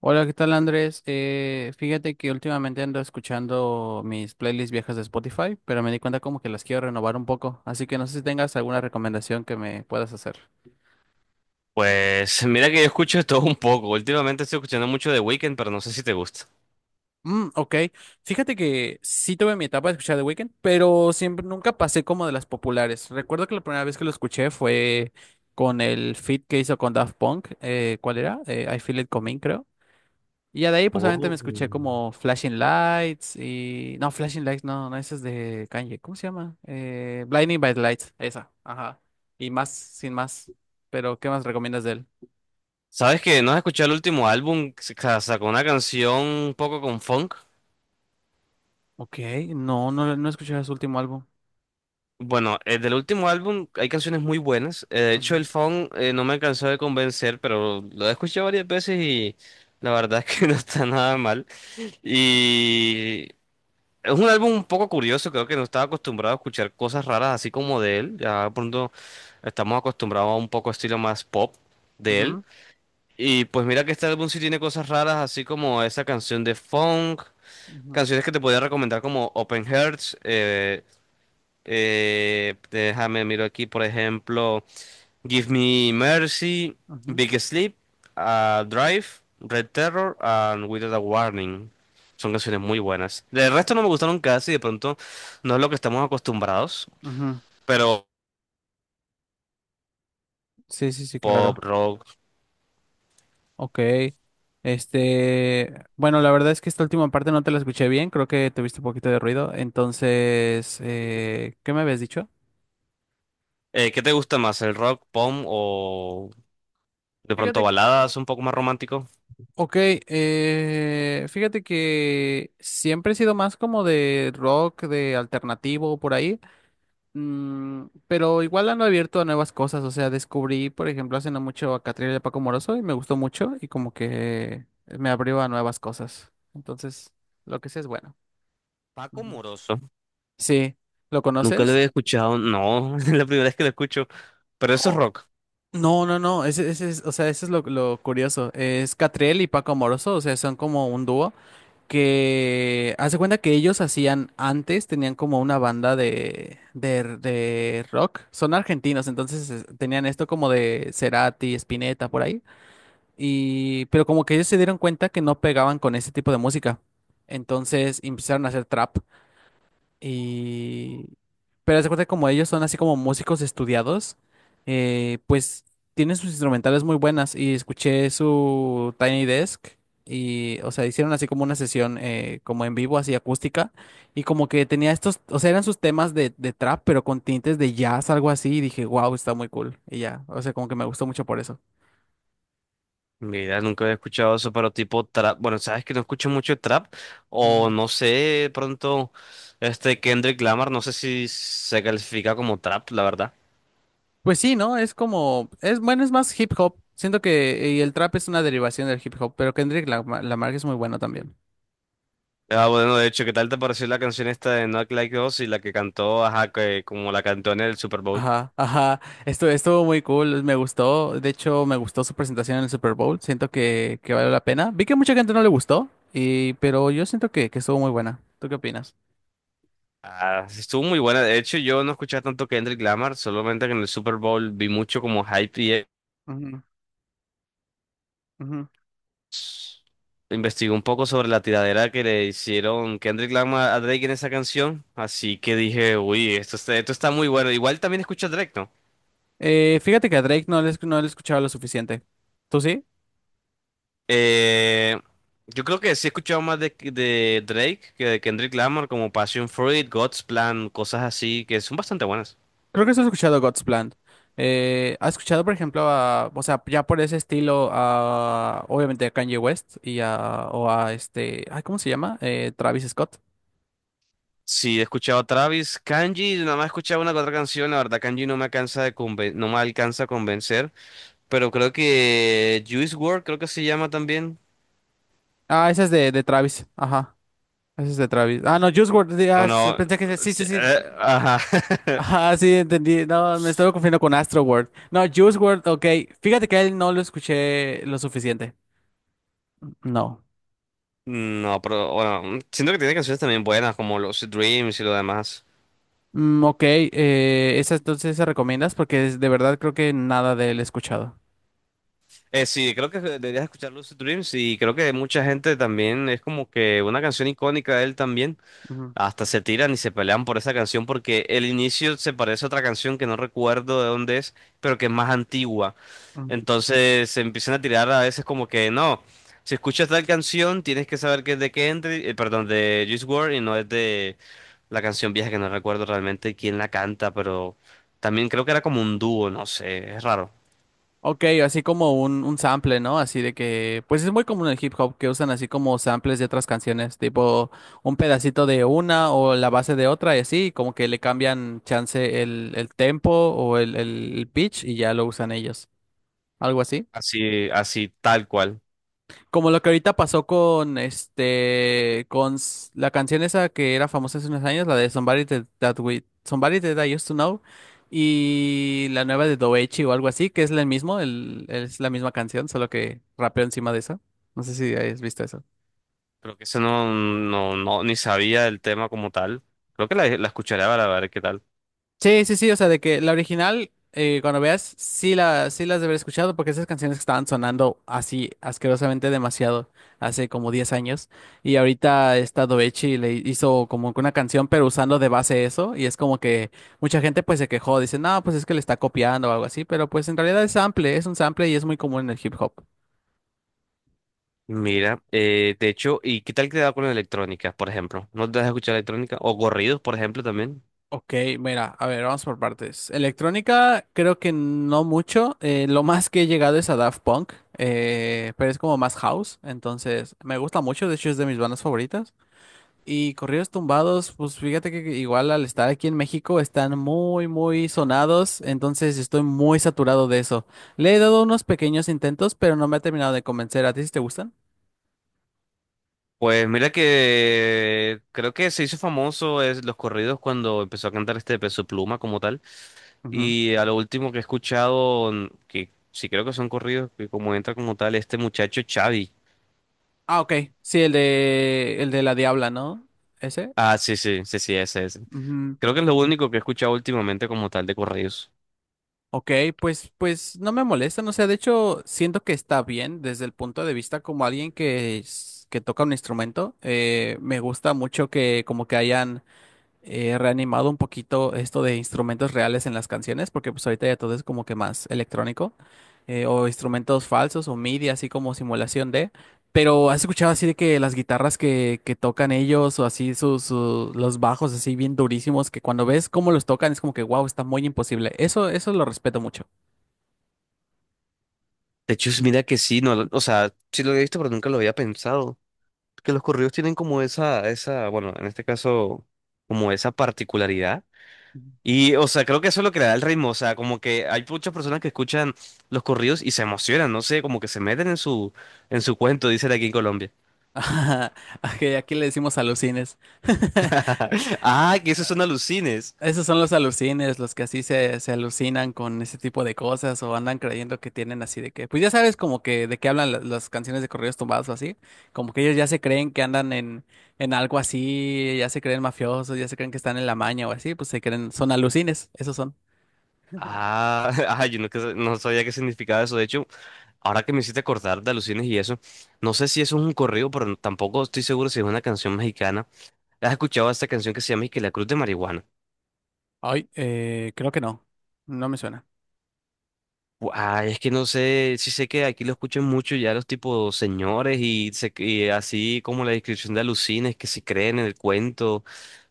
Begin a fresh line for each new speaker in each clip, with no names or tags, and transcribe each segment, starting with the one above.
Hola, ¿qué tal, Andrés? Fíjate que últimamente ando escuchando mis playlists viejas de Spotify, pero me di cuenta como que las quiero renovar un poco, así que no sé si tengas alguna recomendación que me puedas hacer.
Pues mira que yo escucho de todo un poco. Últimamente estoy escuchando mucho de Weeknd, pero no sé si te gusta.
Mm, ok, fíjate que sí tuve mi etapa de escuchar The Weeknd, pero siempre nunca pasé como de las populares. Recuerdo que la primera vez que lo escuché fue con el feat que hizo con Daft Punk, ¿cuál era? I Feel It Coming, creo. Y ya de ahí, pues solamente me
Oh.
escuché como Flashing Lights. No, Flashing Lights, no, no, esa es de Kanye. ¿Cómo se llama? Blinding by the Lights, esa, ajá. Y más, sin más. Pero, ¿qué más recomiendas de él?
¿Sabes que no has escuchado el último álbum? Sacó una canción un poco con funk.
Ok, no, no, no he escuchado su último álbum.
Bueno, del último álbum hay canciones muy buenas. De hecho, el
Ujú,
funk no me alcanzó de convencer, pero lo he escuchado varias veces y la verdad es que no está nada mal. Y Es un álbum un poco curioso, creo que no estaba acostumbrado a escuchar cosas raras así como de él. Ya de pronto estamos acostumbrados a un poco estilo más pop de él.
ujú,
Y pues mira que este álbum sí tiene cosas raras, así como esa canción de funk,
ujú,
canciones que te podría recomendar como Open Hearts. Déjame miro aquí, por ejemplo. Give Me Mercy,
ujú,
Big Sleep, Drive, Red Terror, and Without a Warning. Son canciones muy buenas. Del resto no me gustaron casi, de pronto no es lo que estamos acostumbrados,
ujú.
pero
Sí, sí, sí,
pop,
claro.
rock.
Ok. Bueno, la verdad es que esta última parte no te la escuché bien, creo que tuviste un poquito de ruido. Entonces, ¿qué me habías dicho?
¿Qué te gusta más, el rock, pop o de pronto
Fíjate,
baladas un poco más romántico?
ok, fíjate que siempre he sido más como de rock, de alternativo por ahí, mm, pero igual ando abierto a nuevas cosas, o sea, descubrí, por ejemplo, hace no mucho a Catriel y a Paco Moroso y me gustó mucho y como que me abrió a nuevas cosas, entonces lo que sé es bueno.
Paco
Ujú.
Moroso.
Sí, ¿lo
Nunca lo
conoces?
había escuchado, no, es la primera vez que lo escucho, pero eso es
Oh,
rock.
no, no, no, ese es, o sea, ese es lo curioso, es Catriel y Paco Moroso, o sea, son como un dúo. Que hace cuenta que ellos hacían antes, tenían como una banda de rock, son argentinos, entonces es- tenían esto como de Cerati, Spinetta, por ahí, y, pero como que ellos se dieron cuenta que no pegaban con ese tipo de música, entonces empezaron a hacer trap. Y... Pero haz de cuenta que como ellos son así como músicos estudiados, pues tienen sus instrumentales muy buenas y escuché su Tiny Desk y, o sea, hicieron así como una sesión como en vivo, así acústica y como que tenía estos, o sea, eran sus temas de trap, pero con tintes de jazz, algo así y dije, wow, está muy cool y ya, o sea, como que me gustó mucho por eso.
Mira, nunca había escuchado eso, pero tipo trap. Bueno, sabes que no escucho mucho trap. O
Ujú.
no sé, pronto, este Kendrick Lamar, no sé si se califica como trap, la verdad.
Pues sí, ¿no? Es como, es bueno, es más hip hop. Siento que y el trap es una derivación del hip hop, pero Kendrick Lamar es muy bueno también.
Ah, bueno, de hecho, ¿qué tal te pareció la canción esta de Not Like Us y la que cantó, ajá, que como la cantó en el Super Bowl?
Ajá, ajá. Esto estuvo muy cool, me gustó. De hecho, me gustó su presentación en el Super Bowl. Siento que valió la pena. Vi que mucha gente no le gustó, y, pero yo siento que estuvo muy buena. ¿Tú qué opinas?
Ah, estuvo muy buena. De hecho, yo no escuchaba tanto Kendrick Lamar, solamente que en el Super Bowl vi mucho como hype.
Ujú, ujú.
Investigué un poco sobre la tiradera que le hicieron Kendrick Lamar a Drake en esa canción, así que dije, uy, esto está muy bueno. Igual también escucho a Drake, ¿no?
Fíjate que a Drake no le, esc- no le escuchaba lo suficiente. ¿Tú sí?
Eh, yo creo que sí he escuchado más de Drake que de Kendrick Lamar, como Passion Fruit, God's Plan, cosas así que son bastante buenas.
Creo que sí has escuchado God's Plan. ¿Has escuchado, por ejemplo, a, o sea, ya por ese estilo, a, obviamente a Kanye West y a, o a este, ay, ¿cómo se llama? Travis Scott.
Sí, he escuchado a Travis, Kanji, nada más he escuchado una que otra canción, la verdad Kanji no me alcanza de conven- no me alcanza a convencer, pero creo que Juice WRLD, creo que se llama también.
Ah, esa es de Travis. Ajá. Esa es de Travis. Ah, no, Juice WRLD.
No,
Ah, s-
no.
pensé que sí,
Sí,
sí, sí.
ajá.
Ajá, sí, entendí. No, me estaba confundiendo con Astro World. No, Juice World, ok. Fíjate que a él no lo escuché lo suficiente. No.
No, pero bueno, siento que tiene canciones también buenas como Lucid Dreams y lo demás.
Mm, ok, esa entonces se recomiendas porque es- de verdad creo que nada de él he escuchado.
Sí, creo que deberías escuchar Lucid Dreams y creo que mucha gente también es como que una canción icónica de él también. Hasta se tiran y se pelean por esa canción porque el inicio se parece a otra canción que no recuerdo de dónde es, pero que es más antigua.
Ujú,
Entonces se empiezan a tirar a veces como que no, si escuchas tal canción tienes que saber que es de Kendrick, perdón, de Juice WRLD y no es de la canción vieja que no recuerdo realmente quién la canta, pero también creo que era como un dúo, no sé, es raro.
ok, así como un sample, ¿no? Así de que, pues es muy común en el hip hop que usan así como samples de otras canciones, tipo un pedacito de una o la base de otra y así, como que le cambian chance el tempo o el pitch y ya lo usan ellos. ¿Algo así?
Así, así tal cual.
Como lo que ahorita pasó con este, con s- la canción esa que era famosa hace unos años, la de Somebody Somebody That I Used to Know, y la nueva de Doechi o algo así, que es el mismo, el, es la misma canción, solo que rapeó encima de eso. No sé si has visto eso.
Creo que ese no, no, no, ni sabía el tema como tal. Creo que la escucharé para ver qué tal.
Sí, sí, sí, o sea, de que la original, cuando veas, sí, la, sí las de haber escuchado porque esas canciones estaban sonando así asquerosamente demasiado hace como 10 años y ahorita esta Doechi le hizo como que una canción pero usando de base eso y es como que mucha gente pues se quejó, dice, no, pues es que le está copiando o algo así, pero pues en realidad es sample, es un sample y es muy común en el hip hop.
Mira, de hecho, ¿y qué tal te da con la electrónica, por ejemplo? ¿No te das a escuchar electrónica? O corridos, por ejemplo, también.
Ok, mira, a ver, vamos por partes. Electrónica, creo que no mucho. Lo más que he llegado es a Daft Punk, pero es como más house, entonces me gusta mucho, de hecho es de mis bandas favoritas. Y corridos tumbados, pues fíjate que igual al estar aquí en México están muy, muy sonados, entonces estoy muy saturado de eso. Le he dado unos pequeños intentos, pero no me ha terminado de convencer. ¿A ti sí te gustan?
Pues mira que creo que se hizo famoso es los corridos cuando empezó a cantar este Peso Pluma como tal.
Ujú.
Y a lo último que he escuchado, mm, que sí creo que son corridos, que como entra como tal este muchacho Xavi.
Ah, ok. Sí, el de la Diabla, ¿no? ¿Ese?
Ah, sí, sí, sí, sí, ese, ese.
Ujú.
Creo que es lo único que he escuchado últimamente como tal de corridos.
Ok, pues, pues no me molesta, no sé, de hecho siento que está bien desde el punto de vista como alguien que, es- que toca un instrumento. Me gusta mucho que como que hayan reanimado un poquito esto de instrumentos reales en las canciones, porque pues ahorita ya todo es como que más electrónico, o instrumentos falsos o MIDI, así como simulación de, pero has escuchado así de que las guitarras que tocan ellos o así sus, su- los bajos así bien durísimos, que cuando ves cómo los tocan es como que wow, está muy imposible. Eso lo respeto mucho.
De hecho, mira que sí, no, o sea, sí lo he visto, pero nunca lo había pensado. Que los corridos tienen como bueno, en este caso, como esa particularidad.
Ujú.
Y, o sea, creo que eso es lo que le da el ritmo. O sea, como que hay muchas personas que escuchan los corridos y se emocionan, no sé, como que se meten en en su cuento, dicen aquí en Colombia.
Ok, aquí le decimos alucines.
Ah, que esos son alucines.
Esos son los alucines, los que así se, se alucinan con ese tipo de cosas o andan creyendo que tienen así de que, pues ya sabes como que de qué hablan la- las canciones de corridos tumbados o así, como que ellos ya se creen que andan en algo así, ya se creen mafiosos, ya se creen que están en la maña o así, pues se creen, son alucines, esos son.
Ah, ah, yo no, no sabía qué significaba eso. De hecho, ahora que me hiciste acordar de alucines y eso, no sé si eso es un corrido, pero tampoco estoy seguro si es una canción mexicana. ¿Has escuchado esta canción que se llama y que la Cruz de Marihuana?
Ay, creo que no, no me suena.
Ah, es que no sé, sí sé que aquí lo escuchan mucho ya los tipos señores y, y así como la descripción de alucines que se creen en el cuento,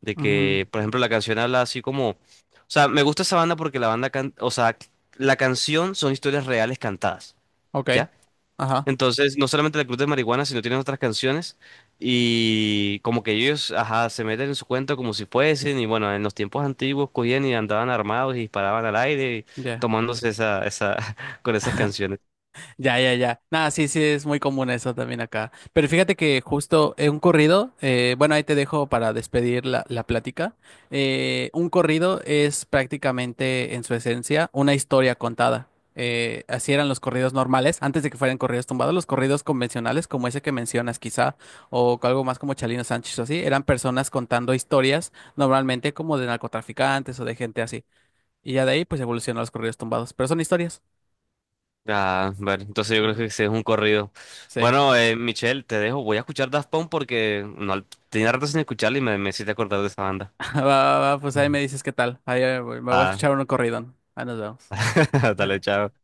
de
Ujú,
que, por ejemplo, la canción habla así como, o sea, me gusta esa banda porque o sea, la canción son historias reales cantadas.
ok,
¿Ya?
ajá,
Entonces, no solamente la Club de Marihuana, sino tienen otras canciones y como que ellos, ajá, se meten en su cuento como si fuesen y bueno, en los tiempos antiguos cogían y andaban armados y disparaban al aire y
ya.
tomándose con esas canciones.
Ya, ya, ya. Nada, sí, sí, es muy común eso también acá. Pero fíjate que justo un corrido, bueno, ahí te dejo para despedir la plática. Un corrido es prácticamente en su esencia una historia contada. Así eran los corridos normales, antes de que fueran corridos tumbados, los corridos convencionales, como ese que mencionas quizá, o algo más como Chalino Sánchez o así, eran personas contando historias, normalmente como de narcotraficantes o de gente así. Y ya de ahí pues evolucionaron los corridos tumbados, pero son historias.
Ah, bueno, entonces yo creo que
Ujú.
ese es un corrido.
Sí.
Bueno, Michelle, te dejo, voy a escuchar Daft Punk porque no, tenía rato sin escucharla y me hiciste acordar de esa banda.
Va, va, va, pues ahí
Mm.
me dices qué tal. Ahí me voy a
Ah,
escuchar un corrido. Ahí nos vemos.
dale, chao.